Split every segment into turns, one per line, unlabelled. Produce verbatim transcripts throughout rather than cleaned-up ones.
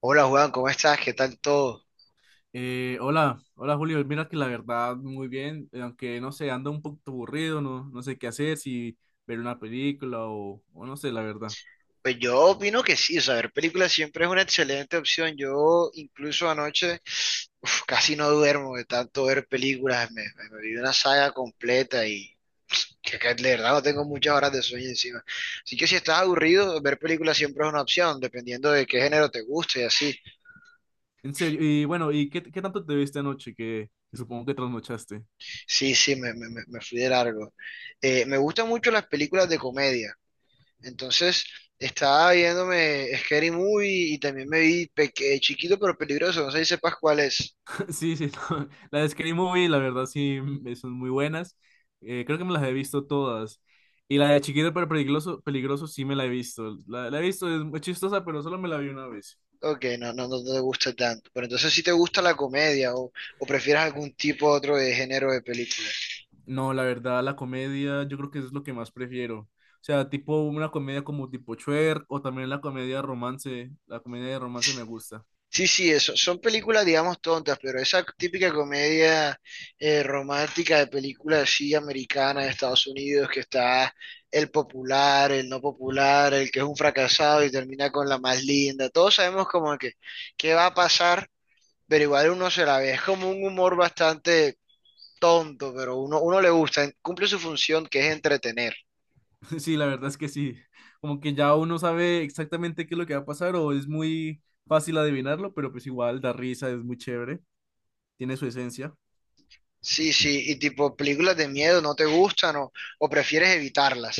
Hola Juan, ¿cómo estás? ¿Qué tal todo?
Eh, hola, hola Julio, mira que la verdad muy bien, eh, aunque no sé, ando un poco aburrido, no, no sé qué hacer, si ver una película o, o no sé, la verdad.
Pues yo opino que sí, o sea, ver películas siempre es una excelente opción. Yo incluso anoche uf, casi no duermo de tanto ver películas, me, me- me vi una saga completa y que, que de verdad no tengo muchas horas de sueño encima. Así que si estás aburrido, ver películas siempre es una opción, dependiendo de qué género te guste y así.
En serio, y bueno, ¿y qué, qué tanto te viste anoche que, que supongo que trasnochaste?
Sí, sí, me, me, me me fui de largo. Eh, me gustan mucho las películas de comedia. Entonces, estaba viéndome Scary Movie y también me vi Peque- eh, Chiquito pero Peligroso, no sé si sepas cuál es.
Sí, sí, no, las de Scary Movie, la verdad sí, mm, son muy buenas, eh, creo que me las he visto todas. Y la de Chiquito pero peligroso, peligroso sí me la he visto, la, la he visto, es muy chistosa, pero solo me la vi una vez.
Ok, no, no, no te gusta tanto. Pero entonces si te gusta la comedia o, o prefieres algún tipo otro de género de película.
No, la verdad, la comedia yo creo que es lo que más prefiero. O sea, tipo una comedia como tipo Shrek o también la comedia romance. La comedia de romance me gusta.
Sí, sí, eso. Son películas, digamos, tontas, pero esa típica comedia eh, romántica de película así americana de Estados Unidos que está el popular, el no popular, el que es un fracasado y termina con la más linda. Todos sabemos como que qué va a pasar, pero igual uno se la ve. Es como un humor bastante tonto, pero uno, uno le gusta, cumple su función que es entretener.
Sí, la verdad es que sí. Como que ya uno sabe exactamente qué es lo que va a pasar o es muy fácil adivinarlo, pero pues igual da risa, es muy chévere, tiene su esencia.
Sí, sí, y tipo películas de miedo no te gustan o, o prefieres evitarlas.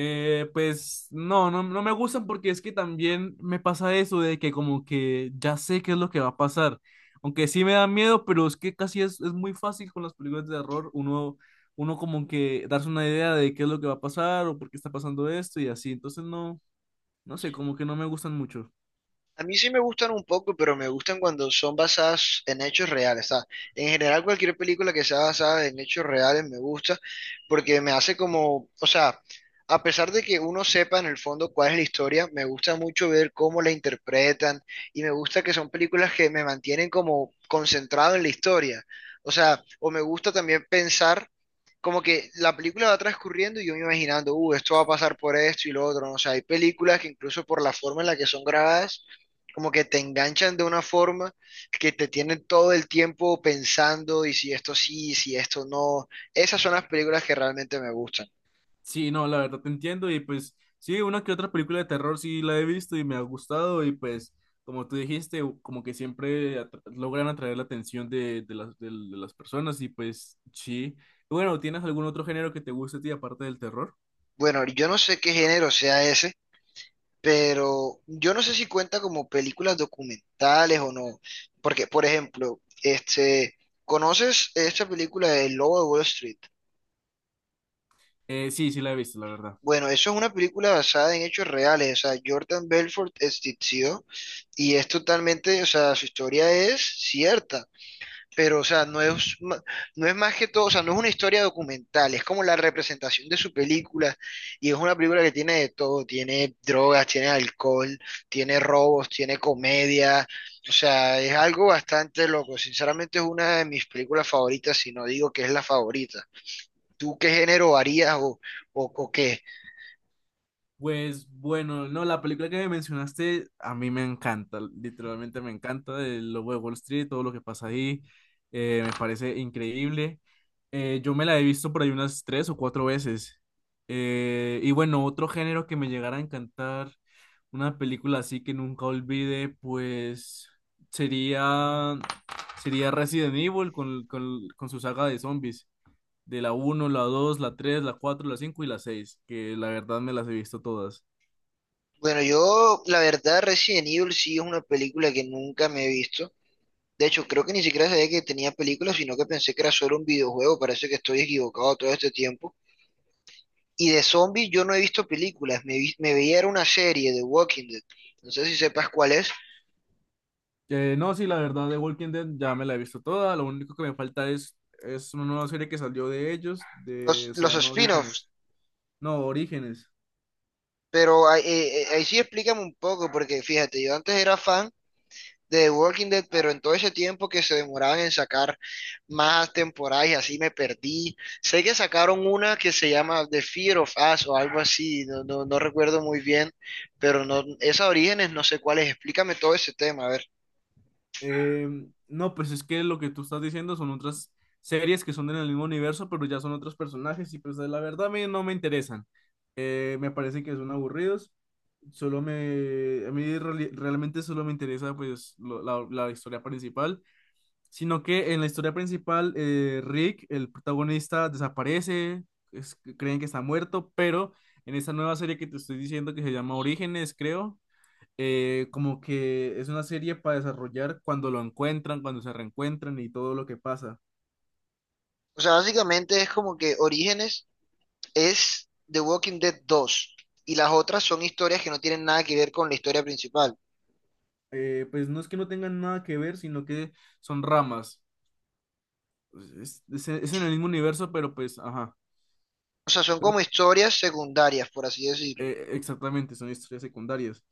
Eh, pues no, no, no me gustan porque es que también me pasa eso de que como que ya sé qué es lo que va a pasar. Aunque sí me da miedo, pero es que casi es, es muy fácil con las películas de terror uno, uno como que darse una idea de qué es lo que va a pasar o por qué está pasando esto y así. Entonces no, no sé, como que no me gustan mucho.
A mí sí me gustan un poco, pero me gustan cuando son basadas en hechos reales, ¿sabes? En general, cualquier película que sea basada en hechos reales me gusta porque me hace como, o sea, a pesar de que uno sepa en el fondo cuál es la historia, me gusta mucho ver cómo la interpretan y me gusta que son películas que me mantienen como concentrado en la historia. O sea, o me gusta también pensar como que la película va transcurriendo y yo me imaginando, uh, esto va a pasar por esto y lo otro, ¿no? O sea, hay películas que incluso por la forma en la que son grabadas, como que te enganchan de una forma que te tienen todo el tiempo pensando y si esto sí, si esto no. Esas son las películas que realmente me gustan.
Sí, no, la verdad te entiendo y pues sí, una que otra película de terror sí la he visto y me ha gustado y pues como tú dijiste, u- como que siempre atra- logran atraer la atención de, de las, del- de las personas y pues sí. Bueno, ¿tienes algún otro género que te guste a ti aparte del terror?
Bueno, yo no sé qué género sea ese, pero yo no sé si cuenta como películas documentales o no, porque, por ejemplo, este, ¿conoces esta película de El Lobo de Wall Street?
Eh, sí, sí la he visto, la verdad.
Bueno, eso es una película basada en hechos reales. O sea, Jordan Belfort existió y es totalmente, o sea, su historia es cierta. Pero, o sea, no es, ma- no es más que todo, o sea, no es una historia documental, es como la representación de su película. Y es una película que tiene de todo: tiene drogas, tiene alcohol, tiene robos, tiene comedia. O sea, es algo bastante loco. Sinceramente, es una de mis películas favoritas, si no digo que es la favorita. ¿Tú qué género harías o, o o qué?
Pues bueno, no, la película que me mencionaste a mí me encanta, literalmente me encanta, el Lobo de Wall Street, todo lo que pasa ahí, eh, me parece increíble. Eh, yo me la he visto por ahí unas tres o cuatro veces. Eh, y bueno, otro género que me llegara a encantar, una película así que nunca olvide, pues sería, sería Resident Evil con, con, con su saga de zombies de la uno, la dos, la tres, la cuatro, la cinco y la seis, que la verdad me las he visto todas.
Bueno, yo, la verdad, Resident Evil sí es una película que nunca me he visto. De hecho, creo que ni siquiera sabía que tenía películas, sino que pensé que era solo un videojuego. Parece que estoy equivocado todo este tiempo. Y de zombies yo no he visto películas. Me, vi- me veía era una serie de Walking Dead. No sé si sepas cuál es.
Eh, no, sí, la verdad de Walking Dead ya me la he visto toda, lo único que me falta es, es una nueva serie que salió de ellos, de,
Los,
se
los
llama
spin-offs.
Orígenes. No, Orígenes.
Pero ahí, eh, eh, ahí sí explícame un poco, porque fíjate, yo antes era fan de Walking Dead, pero en todo ese tiempo que se demoraban en sacar más temporadas y así me perdí. Sé que sacaron una que se llama The Fear of Us o algo así, no, no, no recuerdo muy bien, pero no, esas Orígenes no sé cuáles, explícame todo ese tema, a ver.
Em, no, pues es que lo que tú estás diciendo son otras series que son en el mismo universo, pero ya son otros personajes y pues la verdad a mí no me interesan. Eh, me parece que son aburridos. Solo me, a mí reali- realmente solo me interesa pues lo- la la historia principal sino que en la historia principal, eh, Rick, el protagonista, desaparece, es- creen que está muerto, pero en esta nueva serie que te estoy diciendo que se llama Orígenes, creo, eh, como que es una serie para desarrollar cuando lo encuentran, cuando se reencuentran y todo lo que pasa.
O sea, básicamente es como que Orígenes es The Walking Dead dos y las otras son historias que no tienen nada que ver con la historia principal.
Eh, pues no es que no tengan nada que ver, sino que son ramas. Es, es- es en el mismo universo, pero pues, ajá,
O sea, son
creo-
como historias secundarias, por así decirlo.
eh, exactamente, son historias secundarias.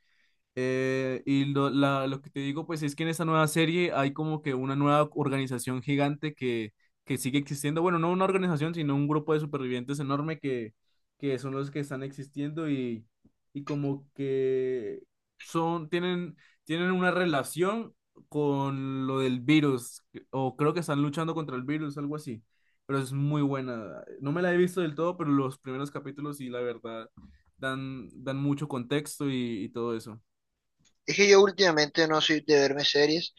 Eh, y lo, la- lo que te digo, pues es que en esta nueva serie hay como que una nueva organización gigante que, que sigue existiendo. Bueno, no una organización, sino un grupo de supervivientes enorme que, que son los que están existiendo y, y como que son, tienen, tienen una relación con lo del virus, o creo que están luchando contra el virus, algo así. Pero es muy buena. No me la he visto del todo, pero los primeros capítulos sí, la verdad, dan, dan mucho contexto y y todo eso.
Es que yo últimamente no soy de verme series,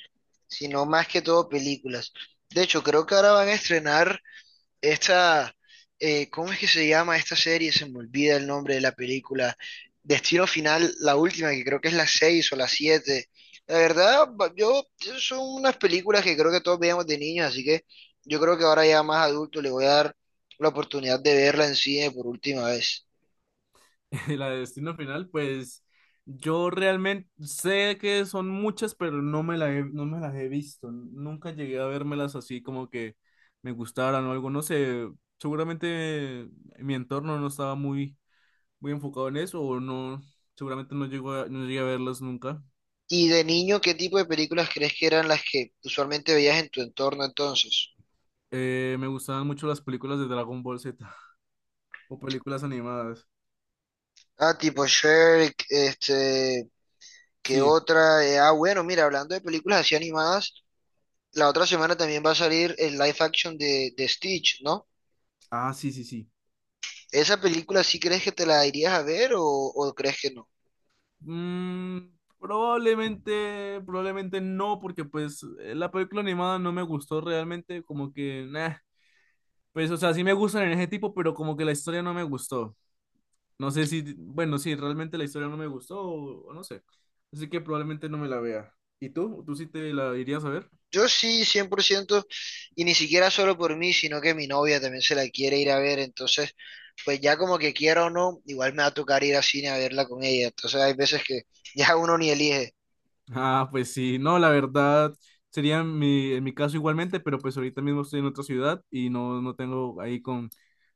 sino más que todo películas. De hecho, creo que ahora van a estrenar esta, eh, ¿cómo es que se llama esta serie? Se me olvida el nombre de la película. Destino Final, la última, que creo que es la seis o la siete. La verdad, ba- yo son unas películas que creo que todos veíamos de niños, así que yo creo que ahora ya más adulto le voy a dar la oportunidad de verla en cine por última vez.
La de Destino Final, pues yo realmente sé que son muchas, pero no me la he- no me las he visto. Nunca llegué a vérmelas así como que me gustaran o algo. No sé, seguramente mi entorno no estaba muy, muy enfocado en eso o no, seguramente no llegó a- no llegué a verlas nunca.
Y de niño, ¿qué tipo de películas crees que eran las que usualmente veías en tu entorno entonces?
Eh, me gustaban mucho las películas de Dragon Ball Z o películas animadas.
Ah, tipo Shrek, este, ¿qué
Sí.
otra? Eh, ah, bueno, mira, hablando de películas así animadas, la otra semana también va a salir el live action de, de Stitch, ¿no?
Ah, sí, sí, sí.
¿Esa película sí crees que te la irías a ver o, o crees que no?
Mm, probablemente, probablemente no, porque pues eh, la película animada no me gustó realmente, como que, nah, pues o sea, sí me gustan en ese tipo, pero como que la historia no me gustó. No sé si, bueno, sí, realmente la historia no me gustó o, o no sé. Así que probablemente no me la vea. ¿Y tú? ¿Tú sí te la irías a ver?
Yo sí, cien por ciento, y ni siquiera solo por mí, sino que mi novia también se la quiere ir a ver, entonces pues ya como que quiera o no, igual me va a tocar ir al cine a verla con ella, entonces hay veces que ya uno ni elige.
Ah, pues sí, no, la verdad sería mi, en mi caso igualmente, pero pues ahorita mismo estoy en otra ciudad y no, no tengo ahí con,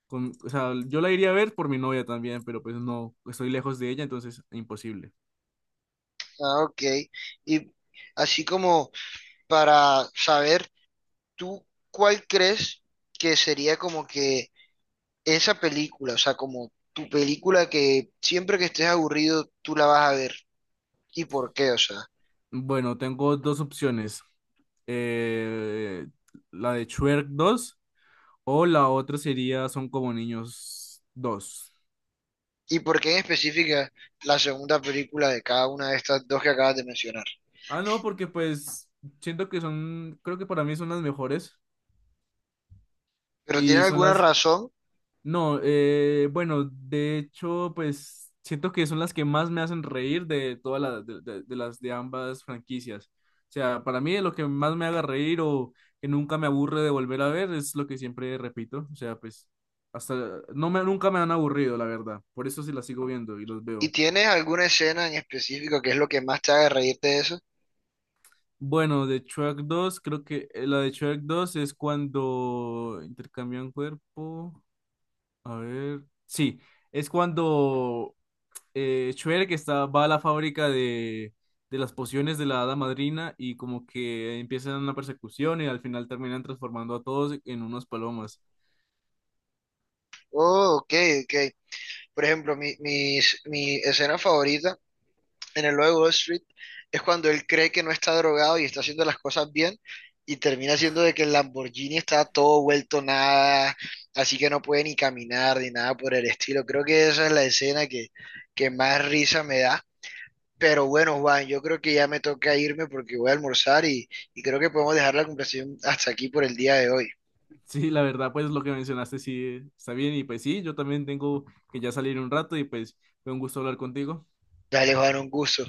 con, o sea, yo la iría a ver por mi novia también, pero pues no, estoy lejos de ella, entonces imposible.
Ah, ok. Y así como para saber, ¿tú cuál crees que sería como que esa película, o sea, como tu película que siempre que estés aburrido tú la vas a ver? ¿Y por qué? O sea,
Bueno, tengo dos opciones, eh, la de Shrek dos o la otra sería Son como niños dos.
¿y por qué en específica la segunda película de cada una de estas dos que acabas de mencionar?
Ah, no, porque pues siento que son, creo que para mí son las mejores
¿Pero tiene
y son
alguna
las
razón?
no, eh, bueno, de hecho, pues siento que son las que más me hacen reír de todas las de, de- de las de ambas franquicias. O sea, para mí lo que más me haga reír o que nunca me aburre de volver a ver es lo que siempre repito. O sea, pues hasta no me nunca me han aburrido, la verdad. Por eso sí las sigo viendo y los
¿Y
veo.
tienes alguna escena en específico que es lo que más te haga reírte de eso?
Bueno, de Shrek dos creo que eh, la de Shrek dos es cuando intercambian cuerpo. A ver, sí, es cuando eh, Shrek que está, va a la fábrica de, de las pociones de la hada madrina y como que empiezan una persecución y al final terminan transformando a todos en unos palomas.
Oh, ok, ok. Por ejemplo, mi, mis- mi escena favorita en el logo de Wall Street, es cuando él cree que no está drogado y está haciendo las cosas bien y termina siendo de que el Lamborghini está todo vuelto nada, así que no puede ni caminar ni nada por el estilo. Creo que esa es la escena que, que más risa me da. Pero bueno, Juan, yo creo que ya me toca irme porque voy a almorzar y, y creo que podemos dejar la conversación hasta aquí por el día de hoy.
Sí, la verdad, pues lo que mencionaste sí está bien y pues sí, yo también tengo que ya salir un rato y pues fue un gusto hablar contigo.
Dale, Juan, un gusto.